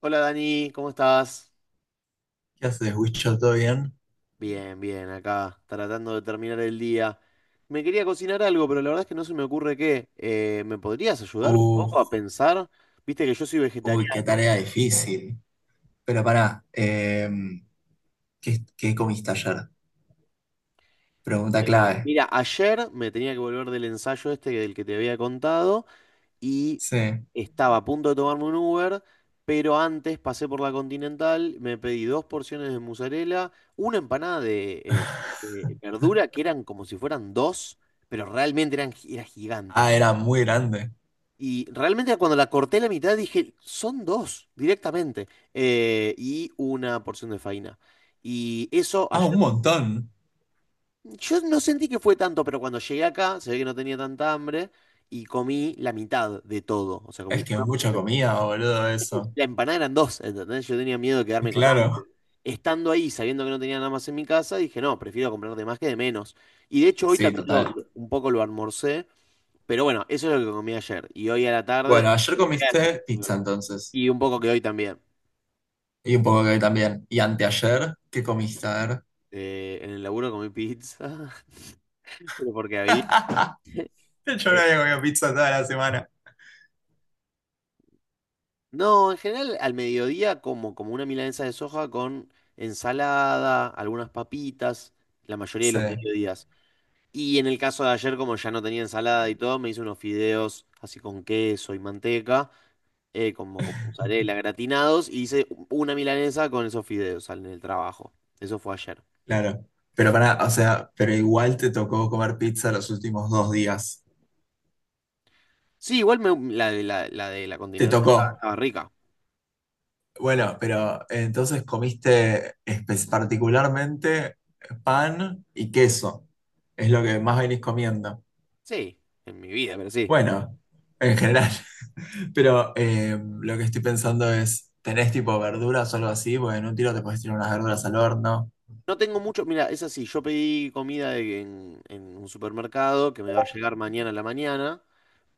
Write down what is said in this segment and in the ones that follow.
Hola Dani, ¿cómo estás? ¿Qué haces, Wicho? ¿Todo bien? Bien, bien, acá, tratando de terminar el día. Me quería cocinar algo, pero la verdad es que no se me ocurre qué. ¿Me podrías ayudar un Uh, poco a pensar? Viste que yo soy uy, qué vegetariano. tarea difícil. Pero pará, ¿qué comiste ayer? Pregunta clave. Mira, ayer me tenía que volver del ensayo este del que te había contado y Sí. estaba a punto de tomarme un Uber, pero antes pasé por la Continental, me pedí dos porciones de mozzarella, una empanada de verdura que eran como si fueran dos, pero realmente era gigante. Ah, era muy grande. Y realmente cuando la corté la mitad dije, son dos directamente. Y una porción de faina. Y eso Ah, un ayer, montón. yo no sentí que fue tanto, pero cuando llegué acá, se ve que no tenía tanta hambre y comí la mitad de todo. O sea, Es comí que es una porción mucha de... comida, boludo, eso. La empanada eran dos, ¿entendés? Yo tenía miedo de quedarme con hambre. Claro. Estando ahí, sabiendo que no tenía nada más en mi casa, dije, no, prefiero comprar de más que de menos. Y de hecho hoy Sí, también total. Un poco lo almorcé, pero bueno, eso es lo que comí ayer. Y hoy a la tarde. Bueno, ayer Eso. comiste pizza entonces. Y un poco que hoy también. Y un poco que hoy también. Y anteayer, ¿qué comiste? A ver. En el laburo comí pizza. Pero porque había. Yo no Eh, había comido pizza toda la semana. No, en general al mediodía como una milanesa de soja con ensalada, algunas papitas, la mayoría de Sí. los mediodías. Y en el caso de ayer, como ya no tenía ensalada y todo, me hice unos fideos así con queso y manteca, como con mozzarella gratinados, y hice una milanesa con esos fideos en el trabajo. Eso fue ayer. Claro, pero para, o sea, pero igual te tocó comer pizza los últimos dos días. Sí, igual la de la Te Continental tocó. estaba rica. Bueno, pero entonces comiste espe- particularmente pan y queso. Es lo que más venís comiendo. Sí, en mi vida, pero sí. Bueno, en general. Pero lo que estoy pensando es, ¿tenés tipo verduras o algo así? Porque en un tiro te podés tirar unas verduras al horno. No tengo mucho, mira, es así, yo pedí comida en un supermercado que me va a llegar mañana a la mañana,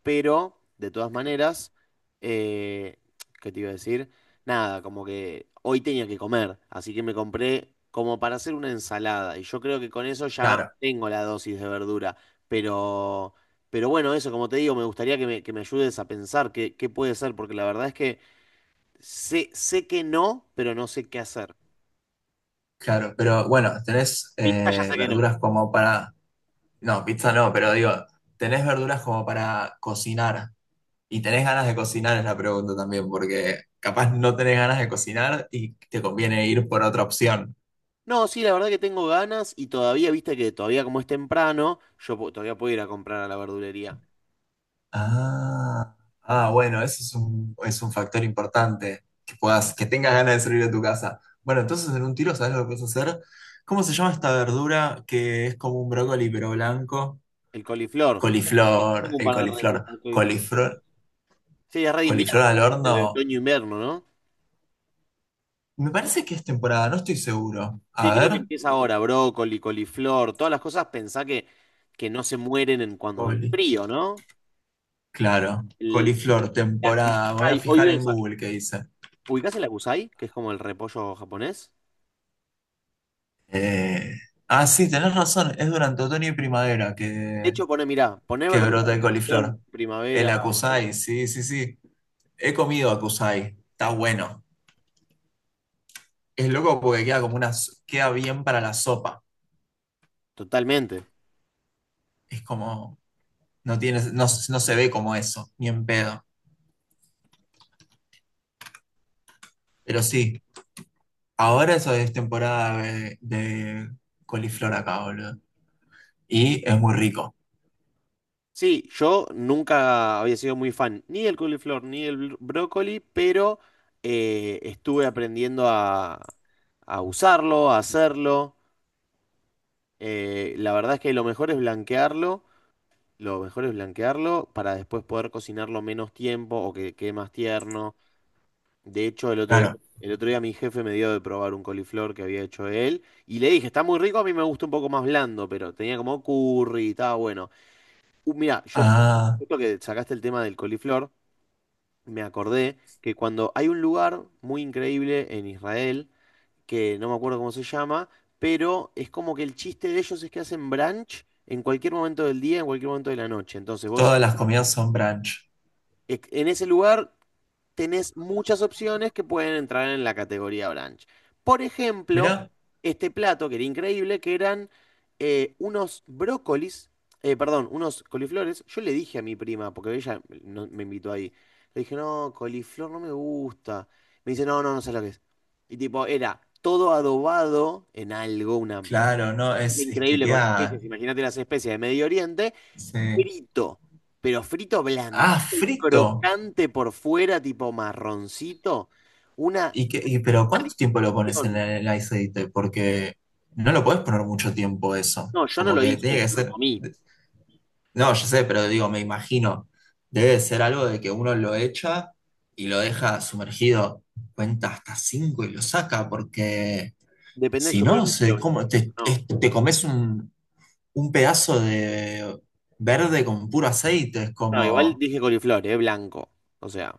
pero de todas maneras, eh, ¿qué te iba a decir? Nada, como que hoy tenía que comer, así que me compré como para hacer una ensalada y yo creo que con eso ya Claro, tengo la dosis de verdura, pero... Pero bueno, eso, como te digo, me gustaría que me ayudes a pensar qué puede ser, porque la verdad es que sé que no, pero no sé qué hacer. claro. Pero bueno, ¿tenés Pita ya sé que no. verduras como para... No, pizza no, pero digo, ¿tenés verduras como para cocinar? Y tenés ganas de cocinar es la pregunta también, porque capaz no tenés ganas de cocinar y te conviene ir por otra opción. No, sí, la verdad que tengo ganas y todavía, viste que todavía como es temprano, yo todavía puedo ir a comprar a la verdulería. Ah, ah, bueno, eso es un factor importante, que puedas, que tengas ganas de salir de tu casa. Bueno, entonces en un tiro, ¿sabes lo que puedes hacer? ¿Cómo se llama esta verdura que es como un brócoli pero blanco? El coliflor. Sí, Coliflor, tengo un el par de recetas coliflor. de coliflor. Coliflor, Sí, es re de coliflor invierno, al aparte, de horno. otoño-invierno, ¿no? Me parece que es temporada, no estoy seguro. Sí, A creo que ver. empieza ahora, brócoli, coliflor, todas las cosas, pensá que no se mueren en cuando el Coli. frío, ¿no? Claro. El, el, Coliflor, la temporada. Voy a kusai, hoy fijar en ves, Google qué dice. ¿ubicás el acusai, que es como el repollo japonés? Eh, Ah, sí, tenés razón. Es durante otoño y primavera De hecho, pone, mirá, pone que verduras brota el de estación, coliflor. El primavera, otoño. acusai, sí, sí, sí. He comido acusai. Está bueno. Es loco porque queda como una, s- queda bien para la sopa. Totalmente. Es como, no tiene, no, s- no se ve como eso, ni en pedo. Pero sí, ahora eso es temporada de coliflor acá, boludo. Y es muy rico, Sí, yo nunca había sido muy fan ni del coliflor ni del brócoli, pero estuve aprendiendo a usarlo, a hacerlo. La verdad es que lo mejor es blanquearlo para después poder cocinarlo menos tiempo o que quede más tierno. De hecho, el otro día, claro. el otro día mi jefe me dio de probar un coliflor que había hecho él y le dije, está muy rico, a mí me gusta un poco más blando, pero tenía como curry y estaba bueno. Mira, yo, Ah, justo que sacaste el tema del coliflor, me acordé que cuando hay un lugar muy increíble en Israel, que no me acuerdo cómo se llama, pero es como que el chiste de ellos es que hacen brunch en cualquier momento del día, en cualquier momento de la noche. Entonces vos, todas las comidas son brunch. En ese lugar tenés muchas opciones que pueden entrar en la categoría brunch. Por ejemplo, Mirá, este plato que era increíble, que eran unos brócolis, perdón, unos coliflores. Yo le dije a mi prima, porque ella me invitó ahí, le dije, no, coliflor no me gusta. Me dice, no, no, no sé lo que es. Y tipo, era todo adobado en algo, una... claro, no, es que Increíble con queda. especies, imagínate las especies de Medio Oriente Se- frito, pero frito blandito Ah, y frito. crocante por fuera, tipo marroncito. Una ¿Y qué- y- pero cuánto tiempo lo pones en adicción. el aceite? Porque no lo puedes poner mucho tiempo eso. No, yo no Como lo que tiene hice, que lo ser. comí. No, yo sé, pero digo, me imagino. Debe de ser algo de que uno lo echa y lo deja sumergido. Cuenta hasta cinco y lo saca, porque... Depende, Si yo creo no, que si lo se, blanco. como, te, No, es- te comes un pedazo de verde con puro aceite, es no, igual como, dije coliflor, es blanco. O sea,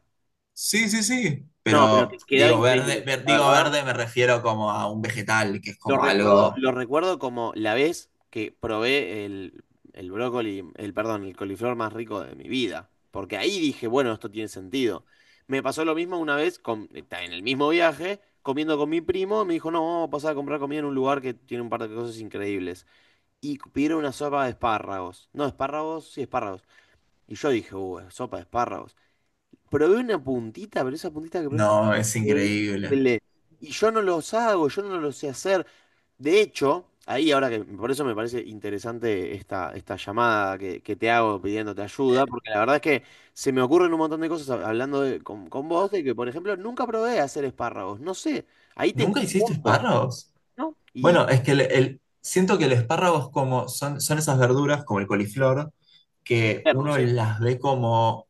sí, sí, sí, no, pero pero que quedaba digo verde, increíble. ver- La digo verdad, verde me refiero como a un vegetal, que es lo como recuerdo, algo, lo recuerdo como la vez que probé el brócoli, perdón, el coliflor más rico de mi vida. Porque ahí dije, bueno, esto tiene sentido. Me pasó lo mismo una vez en el mismo viaje, comiendo con mi primo. Me dijo, no, vamos a pasar a comprar comida en un lugar que tiene un par de cosas increíbles. Y pidieron una sopa de espárragos. No, espárragos, sí, espárragos. Y yo dije, sopa de espárragos. Probé una puntita, pero esa puntita que probé está no, es increíble. increíble. Y yo no los hago, yo no lo sé hacer. De hecho, ahí ahora que por eso me parece interesante esta llamada que te hago pidiéndote ayuda, porque la verdad es que se me ocurren un montón de cosas hablando con vos, de que por ejemplo nunca probé hacer espárragos, no sé, ahí tengo ¿Nunca un hiciste mundo espárragos? y Bueno, es que el- siento que el espárrago es como, son, son esas verduras como el coliflor, que no uno sé. las ve como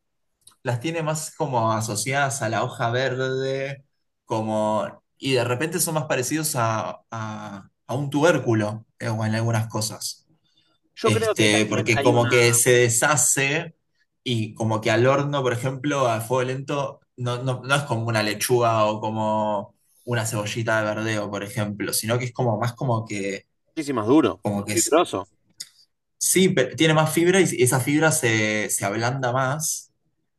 las tiene más como asociadas a la hoja verde, como, y de repente son más parecidos a un tubérculo o en algunas cosas. Yo creo que Este, también porque hay como una, que se deshace y como que al horno, por ejemplo, a fuego lento, no, no, no es como una lechuga o como una cebollita de verdeo, por ejemplo, sino que es como más muchísimas duro, como más que s- fibroso. sí, pe- tiene más fibra y esa fibra se, se ablanda más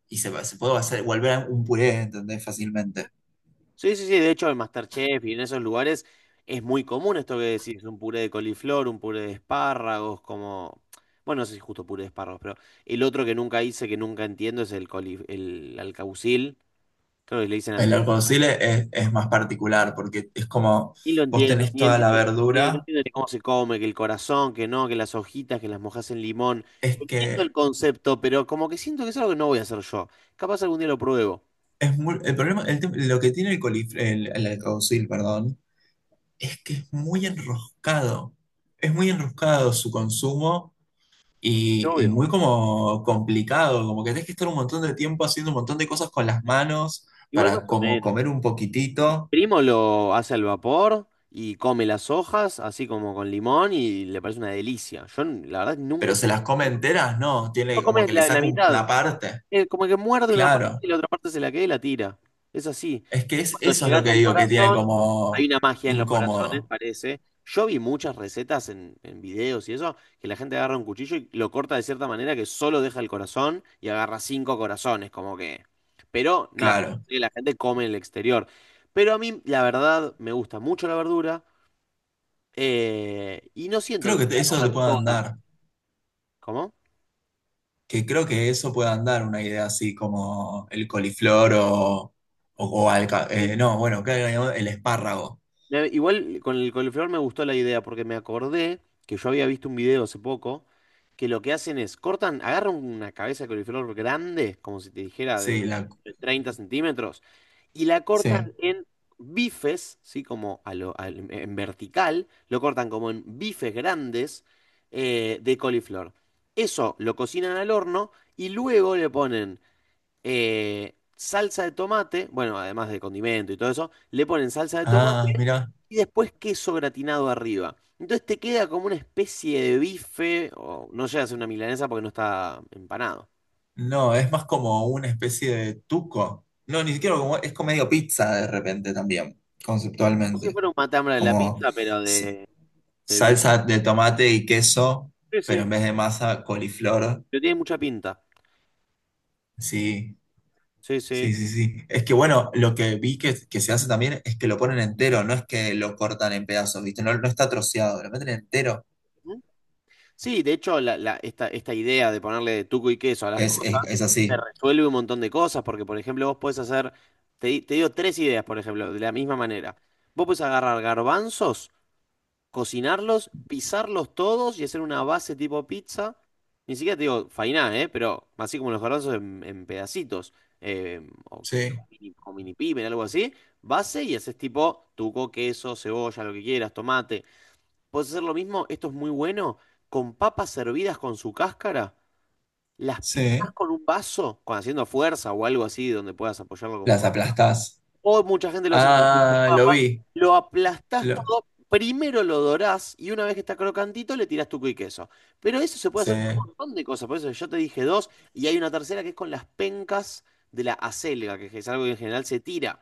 y se puede hacer, volver un puré, ¿entendés? Fácilmente. Sí, sí, sí, de hecho en MasterChef y en esos lugares es muy común esto que decís, un puré de coliflor, un puré de espárragos, como, bueno, no sé si justo puré de espárragos, pero el otro que nunca hice, que nunca entiendo, es el alcaucil, creo que le dicen al... El arcocile es más particular porque es como Y lo vos entiendo, tenés ni toda la entiendo, sí, no verdura, entiendo ni cómo se come, que el corazón, que no, que las hojitas, que las mojas en limón, es entiendo el que concepto, pero como que siento que es algo que no voy a hacer yo, capaz algún día lo pruebo. es muy, el problema, el tem- lo que tiene el colif el alguacil, perdón, es que es muy enroscado. Es muy enroscado su consumo y Obvio. muy como complicado, como que tenés que estar un montón de tiempo haciendo un montón de cosas con las manos Igual para más o como menos. comer un poquitito, Primo lo hace al vapor y come las hojas, así como con limón, y le parece una delicia. Yo, la verdad, nunca... pero se las come enteras, no, No tiene como comes que le la saca un- mitad. una parte. Es como que muerde una parte Claro, y la otra parte se la queda y la tira. Es así. es que es, Cuando eso es lo llegás que al digo, que tiene corazón, hay como una magia en los corazones, incómodo, parece. Yo vi muchas recetas en videos y eso, que la gente agarra un cuchillo y lo corta de cierta manera que solo deja el corazón y agarra cinco corazones, como que. Pero nada, claro. sí, la gente come en el exterior. Pero a mí, la verdad, me gusta mucho la verdura y no siento que Creo se que te- pueda eso te comer puede todas. andar, ¿Cómo? que creo que eso puede andar una idea así como el coliflor o alca- Sí. No, bueno, claro, el espárrago, Igual con el coliflor me gustó la idea porque me acordé que yo había visto un video hace poco que lo que hacen es cortan, agarran una cabeza de coliflor grande, como si te dijera de sí, la, 20, 30 centímetros, y la cortan sí. en bifes, ¿sí? Como a en vertical, lo cortan como en bifes grandes de coliflor. Eso lo cocinan al horno y luego le ponen salsa de tomate, bueno, además de condimento y todo eso, le ponen salsa de tomate Ah, mira, y después queso gratinado arriba. Entonces te queda como una especie de bife, o no llega a ser una milanesa porque no está empanado. no, es más como una especie de tuco. No, ni siquiera como, es como medio pizza de repente también, No sé si conceptualmente, fuera un matambre de la como... pizza, pero de bife. salsa de tomate y queso, Sí, pero sí, en vez de masa, coliflor. pero tiene mucha pinta. Sí, Sí, sí. sí, sí, sí. Es que bueno, lo que vi que se hace también es que lo ponen entero, no es que lo cortan en pedazos, ¿viste? No, no está troceado, lo meten entero. ¿Mm? Sí, de hecho, esta idea de ponerle tuco y queso a las Es, es, cosas es te así. resuelve un montón de cosas, porque, por ejemplo, vos podés hacer, te digo tres ideas, por ejemplo, de la misma manera. Vos podés agarrar garbanzos, cocinarlos, pisarlos todos y hacer una base tipo pizza. Ni siquiera te digo fainá, ¿eh? Pero así como los garbanzos en pedacitos, eh, o quizá Sí, con mini pimen, algo así. Base y haces tipo tuco, queso, cebolla, lo que quieras, tomate. Puedes hacer lo mismo, esto es muy bueno, con papas servidas con su cáscara. Las pisás sí. con un vaso, con haciendo fuerza o algo así, donde puedas apoyarlo con Las aplastás. o mucha gente lo hace con el pizza Ah, lo papa. vi. Lo aplastás Lo, todo, primero lo dorás y una vez que está crocantito le tirás tuco y queso. Pero eso se puede sí. hacer con un montón de cosas. Por eso yo te dije dos y hay una tercera que es con las pencas de la acelga, que es algo que en general se tira.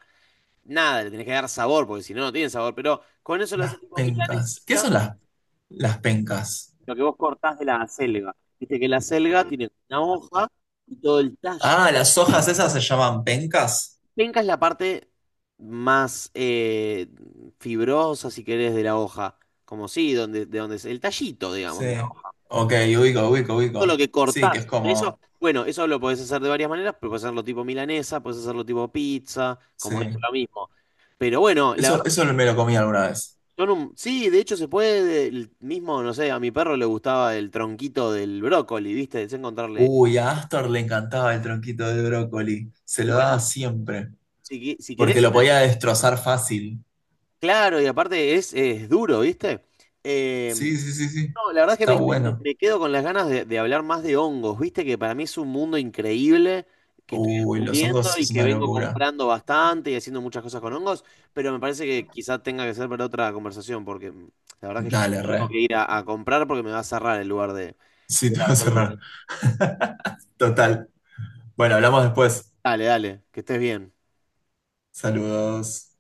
Nada, le tenés que dar sabor porque si no, no tiene sabor. Pero con eso lo Las haces tipo pencas. ¿Qué milanesita, son las pencas? lo que vos cortás de la acelga. Viste que la acelga tiene una hoja y todo el tallo. Ah, las hojas esas se llaman pencas. Penca es la parte más fibrosa, si querés, de la hoja. Como sí, donde, de donde es el tallito, Sí. digamos, de la hoja. Ok, ubico, ubico, Todo lo ubico. que Sí, que es cortás. Eso, como... bueno, eso lo podés hacer de varias maneras, pero podés hacerlo tipo milanesa, podés hacerlo tipo pizza, como es Sí. lo mismo. Pero bueno, la verdad, Eso me lo comí alguna vez. son sí, de hecho se puede, el mismo, no sé, a mi perro le gustaba el tronquito del brócoli, ¿viste? Es encontrarle. Uy, a Astor le encantaba el tronquito de brócoli. Se Y lo daba bueno, siempre. Si Porque querés, lo podía destrozar fácil. claro, y aparte es duro, ¿viste? Eh, Sí, sí, sí, sí. No, la verdad es que Está me, me- me- bueno. me quedo con las ganas de hablar más de hongos, viste que para mí es un mundo increíble que estoy Uy, los descubriendo hongos y es que una vengo locura. comprando bastante y haciendo muchas cosas con hongos, pero me parece que quizá tenga que ser para otra conversación, porque la verdad que yo Dale, tengo re. que ir a comprar porque me va a cerrar el lugar de Sí, te la voy a verdura. cerrar. Total. Bueno, hablamos después. Dale, dale, que estés bien. Saludos.